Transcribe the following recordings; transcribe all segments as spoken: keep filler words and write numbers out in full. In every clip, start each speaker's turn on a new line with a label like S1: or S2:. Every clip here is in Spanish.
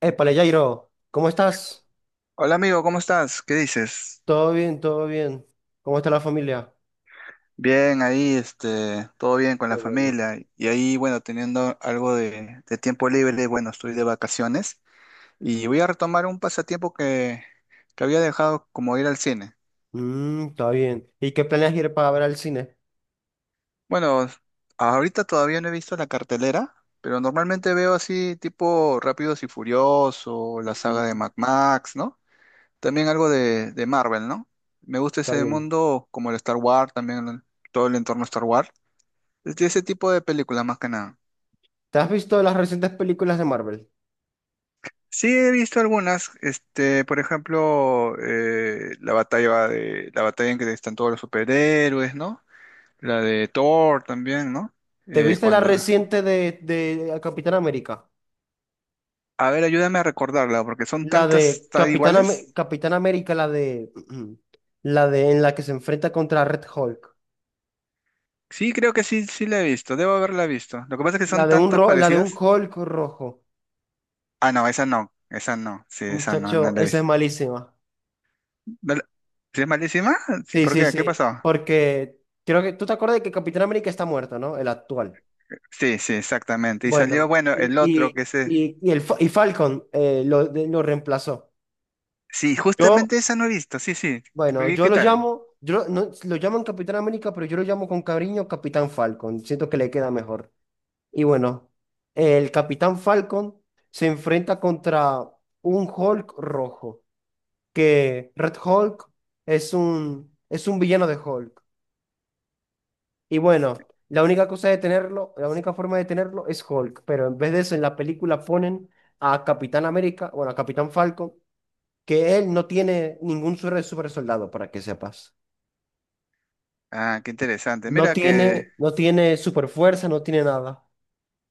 S1: Épale, Jairo, ¿cómo estás?
S2: Hola amigo, ¿cómo estás? ¿Qué dices?
S1: Todo bien, todo bien. ¿Cómo está la familia?
S2: Bien, ahí, este, todo bien con
S1: Qué
S2: la
S1: bueno.
S2: familia. Y ahí, bueno, teniendo algo de, de tiempo libre, bueno, estoy de vacaciones y voy a retomar un pasatiempo que, que había dejado, como ir al cine.
S1: Mm, está bien. ¿Y qué planeas ir para ver al cine?
S2: Bueno, ahorita todavía no he visto la cartelera, pero normalmente veo así tipo Rápidos y Furioso, la saga de
S1: Mm,
S2: Mad Max, ¿no? También algo de, de Marvel, ¿no? Me gusta
S1: está
S2: ese
S1: bien.
S2: mundo, como el Star Wars, también todo el entorno Star Wars. De ese tipo de películas más que nada.
S1: ¿Te has visto las recientes películas de Marvel?
S2: Sí, he visto algunas, este, por ejemplo, eh, la batalla de, la batalla en que están todos los superhéroes, ¿no? La de Thor también, ¿no?
S1: ¿Te
S2: Eh,
S1: viste la
S2: cuando,
S1: reciente de, de Capitán América?
S2: a ver, ayúdame a recordarla, porque son
S1: La de
S2: tantas tan
S1: Capitán, Am-
S2: iguales.
S1: Capitán América, la de la de en la que se enfrenta contra Red Hulk.
S2: Sí, creo que sí, sí la he visto, debo haberla visto. Lo que pasa es que
S1: La
S2: son
S1: de un
S2: tantas
S1: ro- la de un
S2: parecidas.
S1: Hulk rojo.
S2: Ah, no, esa no, esa no, sí, esa no, no
S1: Muchacho,
S2: la he
S1: esa es
S2: visto.
S1: malísima.
S2: ¿No la- ¿Sí es malísima? Sí,
S1: Sí,
S2: ¿por
S1: sí,
S2: qué? ¿Qué
S1: sí,
S2: pasó?
S1: porque creo que tú te acuerdas de que Capitán América está muerto, ¿no? El actual.
S2: Sí, sí, exactamente. Y salió,
S1: Bueno,
S2: bueno,
S1: y,
S2: el otro
S1: y,
S2: que es, eh,
S1: y, y el, Fa- y Falcon eh, lo, de- lo reemplazó.
S2: sí,
S1: Yo,
S2: justamente esa no he visto, sí, sí.
S1: bueno,
S2: ¿Qué,
S1: yo
S2: qué
S1: lo
S2: tal?
S1: llamo, yo no, lo llaman Capitán América, pero yo lo llamo con cariño Capitán Falcon. Siento que le queda mejor. Y bueno, el Capitán Falcon se enfrenta contra un Hulk rojo, que Red Hulk es un, es un villano de Hulk. Y bueno, la única cosa de tenerlo, la única forma de tenerlo es Hulk, pero en vez de eso en la película ponen a Capitán América, bueno, a Capitán Falcon, que él no tiene ningún super, super soldado, para que sepas.
S2: Ah, qué interesante.
S1: No
S2: Mira que,
S1: tiene, no tiene super fuerza, no tiene nada.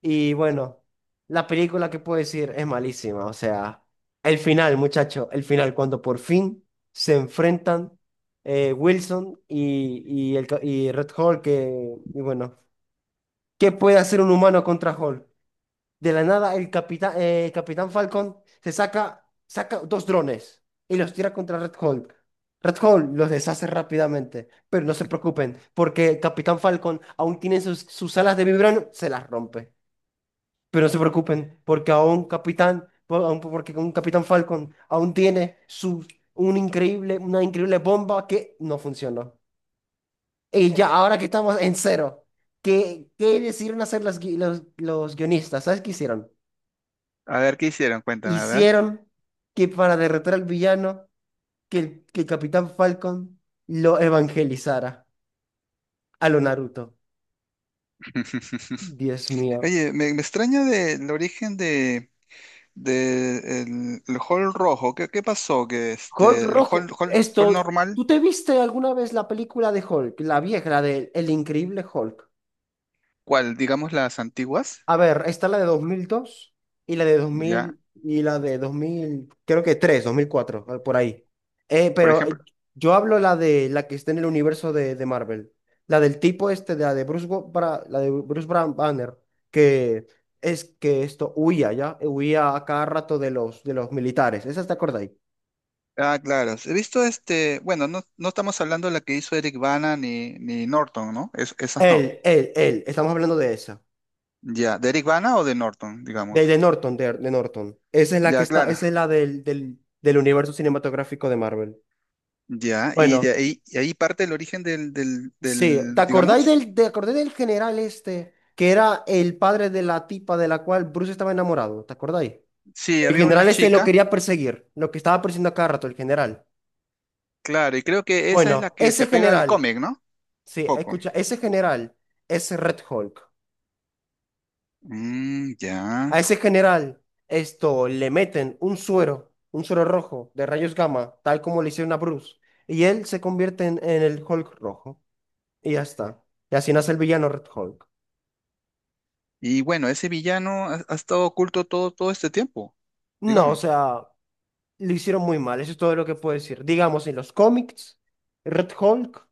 S1: Y bueno, la película que puedo decir es malísima, o sea, el final, muchacho, el final, cuando por fin se enfrentan eh, Wilson y, y, el, ca- y Red Hulk, que, y bueno, ¿qué puede hacer un humano contra Hulk? De la nada, el capitán, eh, Capitán Falcon se saca, saca dos drones y los tira contra Red Hulk. Red Hulk los deshace rápidamente, pero no se preocupen, porque Capitán Falcon aún tiene sus, sus alas de vibrano, se las rompe. Pero no se preocupen, porque aún Capitán, por- aún porque un Capitán Falcon aún tiene su, un increíble, una increíble bomba que no funcionó. Y ya, ahora que estamos en cero, ¿qué, ¿qué decidieron hacer los, gui- los, los guionistas? ¿Sabes qué hicieron?
S2: a ver, ¿qué hicieron? Cuéntame, a ver.
S1: Hicieron que para derrotar al villano, que el, que el Capitán Falcon lo evangelizara a lo Naruto. Dios mío.
S2: Oye, me, me extraña del origen de, de el, el hall rojo. ¿Qué, qué pasó? Que
S1: Hulk
S2: este, el hall,
S1: rojo.
S2: hall, hall
S1: Esto,
S2: normal.
S1: ¿tú te viste alguna vez la película de Hulk? La vieja, la de El Increíble Hulk.
S2: ¿Cuál? Digamos las antiguas,
S1: A ver, está la de dos mil dos y la de dos
S2: ¿ya?
S1: mil y la de dos mil, creo que tres, dos mil cuatro, eh, por ahí. Eh,
S2: Por
S1: pero eh,
S2: ejemplo,
S1: yo hablo la de la que está en el universo de, de Marvel, la del tipo este, de la de Bruce, Go- Bra- la de Bruce Bran- Banner, que es que esto huía, ¿ya? Huía a cada rato de los, de los militares. ¿Esa te acordáis?
S2: ah, claro. He visto este, bueno, no, no estamos hablando de la que hizo Eric Bana ni, ni Norton, ¿no? Es- esas no.
S1: Él, él, él, estamos hablando de esa.
S2: Ya, ¿de Eric Bana o de Norton,
S1: De, de
S2: digamos?
S1: Norton, de, de Norton. Esa es la que
S2: Ya,
S1: está,
S2: claro.
S1: esa es la del, del, del universo cinematográfico de Marvel.
S2: Ya, y
S1: Bueno,
S2: de ahí, y ahí parte el origen del, del,
S1: sí, ¿te
S2: del,
S1: acordáis
S2: digamos.
S1: del, ¿te acordás del general este que era el padre de la tipa de la cual Bruce estaba enamorado? ¿Te acordáis?
S2: Sí,
S1: El
S2: había una
S1: general este lo
S2: chica,
S1: quería perseguir, lo que estaba persiguiendo a cada rato, el general.
S2: claro, y creo que esa es la
S1: Bueno,
S2: que se
S1: ese
S2: apega al
S1: general,
S2: cómic, ¿no?
S1: sí,
S2: Poco.
S1: escucha, ese general es Red Hulk.
S2: Mm, ya.
S1: A ese general, esto, le meten un suero, un suero rojo de rayos gamma, tal como le hicieron a Bruce, y él se convierte en, en el Hulk rojo, y ya está. Y así nace el villano Red Hulk.
S2: Y bueno, ese villano ha, ha estado oculto todo, todo este tiempo,
S1: No, o
S2: digamos.
S1: sea, lo hicieron muy mal, eso es todo lo que puedo decir. Digamos, en los cómics, Red Hulk,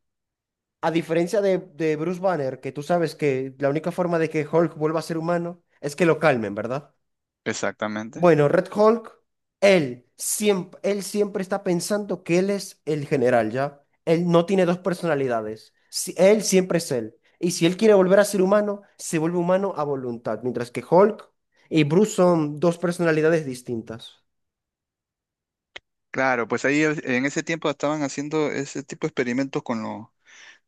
S1: a diferencia de, de Bruce Banner, que tú sabes que la única forma de que Hulk vuelva a ser humano es que lo calmen, ¿verdad?
S2: Exactamente.
S1: Bueno, Red Hulk, él siempre, él siempre está pensando que él es el general, ¿ya? Él no tiene dos personalidades, Si- él siempre es él. Y si él quiere volver a ser humano, se vuelve humano a voluntad, mientras que Hulk y Bruce son dos personalidades distintas.
S2: Claro, pues ahí es- en ese tiempo estaban haciendo ese tipo de experimentos con, lo-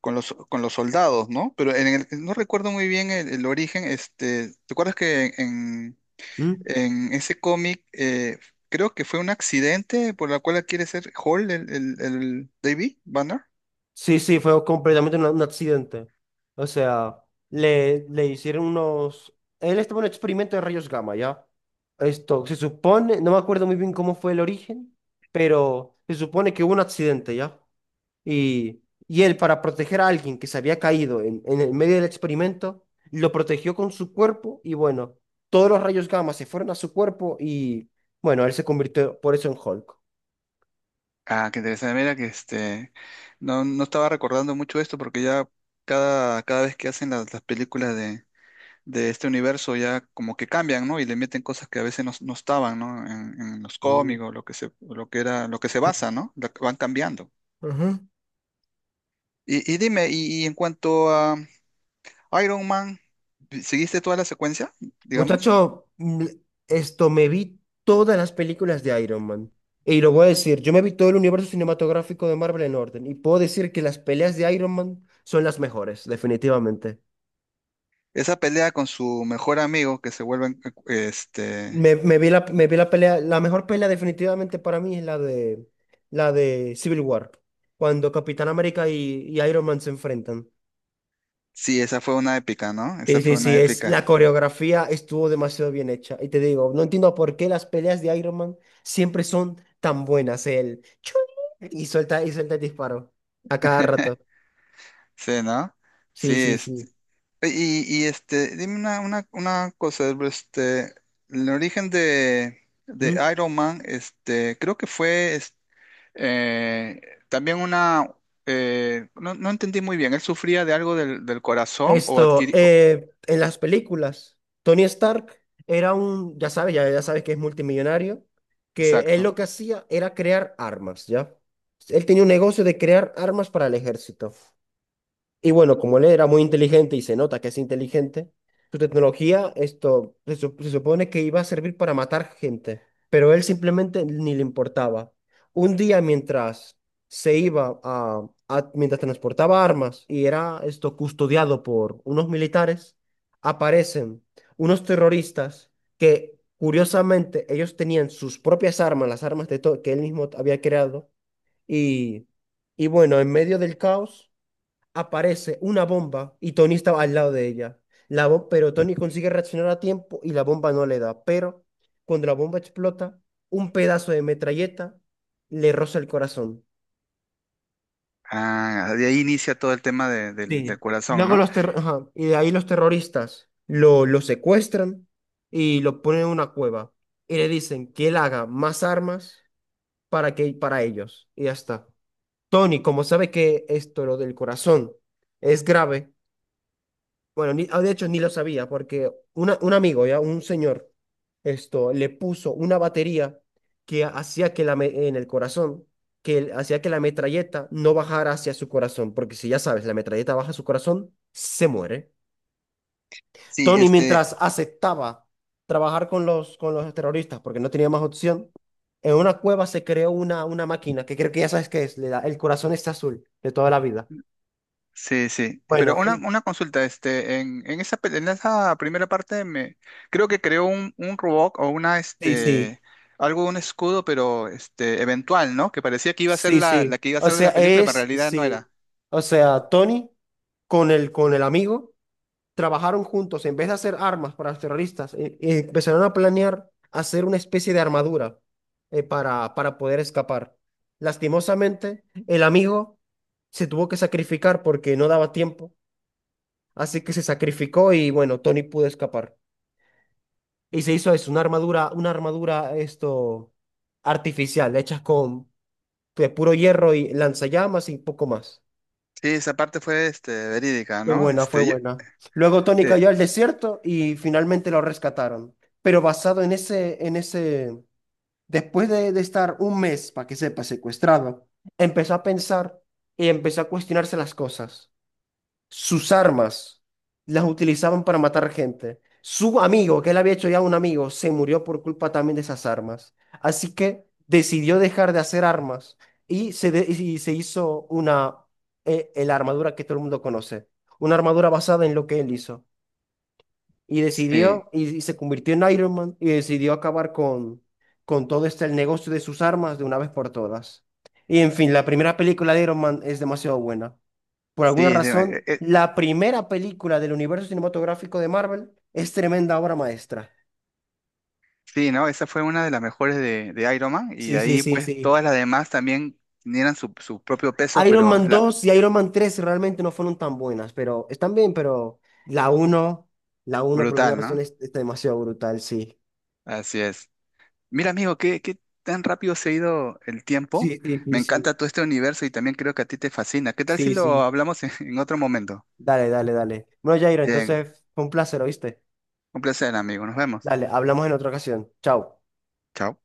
S2: con los, con los soldados, ¿no? Pero en el- no recuerdo muy bien el, el origen, este. ¿Te acuerdas que en,
S1: ¿Mm?
S2: En ese cómic, eh, creo que fue un accidente por la cual quiere ser Hall, el, el, el David Banner.
S1: Sí, sí, fue completamente un, un accidente. O sea, le, le hicieron unos... Él estaba en un experimento de rayos gamma, ¿ya? Esto, se supone, no me acuerdo muy bien cómo fue el origen, pero se supone que hubo un accidente, ¿ya? Y, y él, para proteger a alguien que se había caído en, en el medio del experimento, lo protegió con su cuerpo y bueno, todos los rayos gamma se fueron a su cuerpo y bueno, él se convirtió por eso en Hulk.
S2: Ah, qué interesante. Mira que este, no, no estaba recordando mucho esto porque ya cada, cada vez que hacen las, las películas de, de este universo, ya como que cambian, ¿no? Y le meten cosas que a veces no, no estaban, ¿no? En, en los
S1: Mm.
S2: cómics, o lo que se, o lo que era, lo que se basa, ¿no? Lo que van cambiando.
S1: Ujú.
S2: Y, y dime, y, y en cuanto a Iron Man, ¿seguiste toda la secuencia, digamos?
S1: Muchacho, mm, esto me vi todas las películas de Iron Man. Y lo voy a decir, yo me vi todo el universo cinematográfico de Marvel en orden. Y puedo decir que las peleas de Iron Man son las mejores, definitivamente.
S2: Esa pelea con su mejor amigo que se vuelven, este,
S1: Me, me vi la, me vi la pelea, la mejor pelea definitivamente para mí es la de, la de Civil War, cuando Capitán América y, y Iron Man se enfrentan.
S2: sí, esa fue una épica, ¿no? Esa
S1: Sí, sí,
S2: fue
S1: sí,
S2: una
S1: es,
S2: épica,
S1: la coreografía estuvo demasiado bien hecha. Y te digo, no entiendo por qué las peleas de Iron Man siempre son tan buenas. El chun y suelta, y suelta el disparo a cada rato.
S2: sí, ¿no? Sí,
S1: Sí, sí,
S2: este,
S1: sí.
S2: y, y este, dime una, una, una cosa, este, el origen de, de
S1: ¿Mm?
S2: Iron Man, este, creo que fue, es- eh, también una, eh, no, no entendí muy bien. ¿Él sufría de algo del, del corazón o
S1: Esto,
S2: adquirió?
S1: eh, en las películas, Tony Stark era un, ya sabes, ya, ya sabes que es multimillonario, que él lo
S2: Exacto.
S1: que hacía era crear armas, ¿ya? Él tenía un negocio de crear armas para el ejército. Y bueno, como él era muy inteligente y se nota que es inteligente, su tecnología, esto se, sup- se supone que iba a servir para matar gente, pero él simplemente ni le importaba. Un día mientras se iba a, a- mientras transportaba armas y era esto custodiado por unos militares, aparecen unos terroristas que curiosamente ellos tenían sus propias armas, las armas de to- que él mismo había creado y y bueno, en medio del caos aparece una bomba y Tony estaba al lado de ella. La bo- pero Tony consigue reaccionar a tiempo y la bomba no le da. Pero cuando la bomba explota, un pedazo de metralleta le roza el corazón.
S2: Ah, de ahí inicia todo el tema de- del del
S1: Sí.
S2: corazón,
S1: Luego
S2: ¿no?
S1: los terro- ajá, y de ahí los terroristas lo, lo secuestran y lo ponen en una cueva. Y le dicen que él haga más armas para que para ellos. Y ya está. Tony, como sabe que esto, lo del corazón, es grave, bueno, ni- ah, de hecho ni lo sabía, porque una- un amigo, ya, un señor, esto, le puso una batería que hacía que la, me- en el corazón, que el- hacía que la metralleta no bajara hacia su corazón, porque si ya sabes, la metralleta baja a su corazón, se muere.
S2: Sí,
S1: Tony,
S2: este,
S1: mientras aceptaba trabajar con los, con los terroristas, porque no tenía más opción, en una cueva se creó una, una máquina, que creo que ya sabes qué es, le da, el corazón está azul de toda la vida.
S2: sí, sí. Pero
S1: Bueno,
S2: una,
S1: eh,
S2: una consulta, este, en, en esa, pe- en esa primera parte me creo que creó un, un Roboc o una
S1: sí, sí.
S2: este algo, un escudo, pero este, eventual, ¿no? Que parecía que iba a ser
S1: Sí,
S2: la, la
S1: sí.
S2: que iba a
S1: O
S2: ser de
S1: sea,
S2: la película, pero en
S1: es,
S2: realidad no
S1: sí.
S2: era.
S1: O sea, Tony con el, con el amigo trabajaron juntos. En vez de hacer armas para los terroristas, eh, eh, empezaron a planear hacer una especie de armadura eh, para, para poder escapar. Lastimosamente, el amigo se tuvo que sacrificar porque no daba tiempo. Así que se sacrificó y bueno, Tony pudo escapar. Y se hizo eso, una armadura, una armadura esto artificial, hecha con de puro hierro y lanzallamas y poco más.
S2: Sí, esa parte fue este verídica,
S1: Fue
S2: ¿no?
S1: buena, fue
S2: Este, yo-
S1: buena. Luego Tony
S2: eh,
S1: cayó al desierto y finalmente lo rescataron. Pero basado en ese, en ese, después de, de estar un mes, para que sepa, secuestrado, empezó a pensar y empezó a cuestionarse las cosas, sus armas las utilizaban para matar gente. Su amigo, que él había hecho ya un amigo, se murió por culpa también de esas armas. Así que decidió dejar de hacer armas y se, de- y se hizo una, eh, eh, la armadura que todo el mundo conoce. Una armadura basada en lo que él hizo. Y
S2: sí,
S1: decidió, y, y se convirtió en Iron Man y decidió acabar con, con todo este el negocio de sus armas de una vez por todas. Y en fin, la primera película de Iron Man es demasiado buena. Por alguna
S2: sí, es de- eh,
S1: razón,
S2: eh,
S1: la primera película del universo cinematográfico de Marvel es tremenda obra maestra.
S2: sí, ¿no? Esa fue una de las mejores de, de Iron Man. Y de
S1: Sí, sí,
S2: ahí,
S1: sí,
S2: pues,
S1: sí.
S2: todas las demás también tenían su, su propio peso,
S1: Iron
S2: pero
S1: Man
S2: la,
S1: dos y Iron Man tres realmente no fueron tan buenas, pero están bien, pero la uno, la uno por
S2: brutal,
S1: alguna razón
S2: ¿no?
S1: es, está demasiado brutal, sí.
S2: Así es. Mira, amigo, qué, qué tan rápido se ha ido el tiempo.
S1: Sí, sí,
S2: Me
S1: sí,
S2: encanta
S1: sí.
S2: todo este universo y también creo que a ti te fascina. ¿Qué tal si
S1: Sí,
S2: lo
S1: sí.
S2: hablamos en, en otro momento?
S1: Dale, dale, dale. Bueno, Jairo,
S2: Bien,
S1: entonces fue un placer, ¿oíste?
S2: un placer, amigo. Nos vemos.
S1: Dale, hablamos en otra ocasión. Chao.
S2: Chao.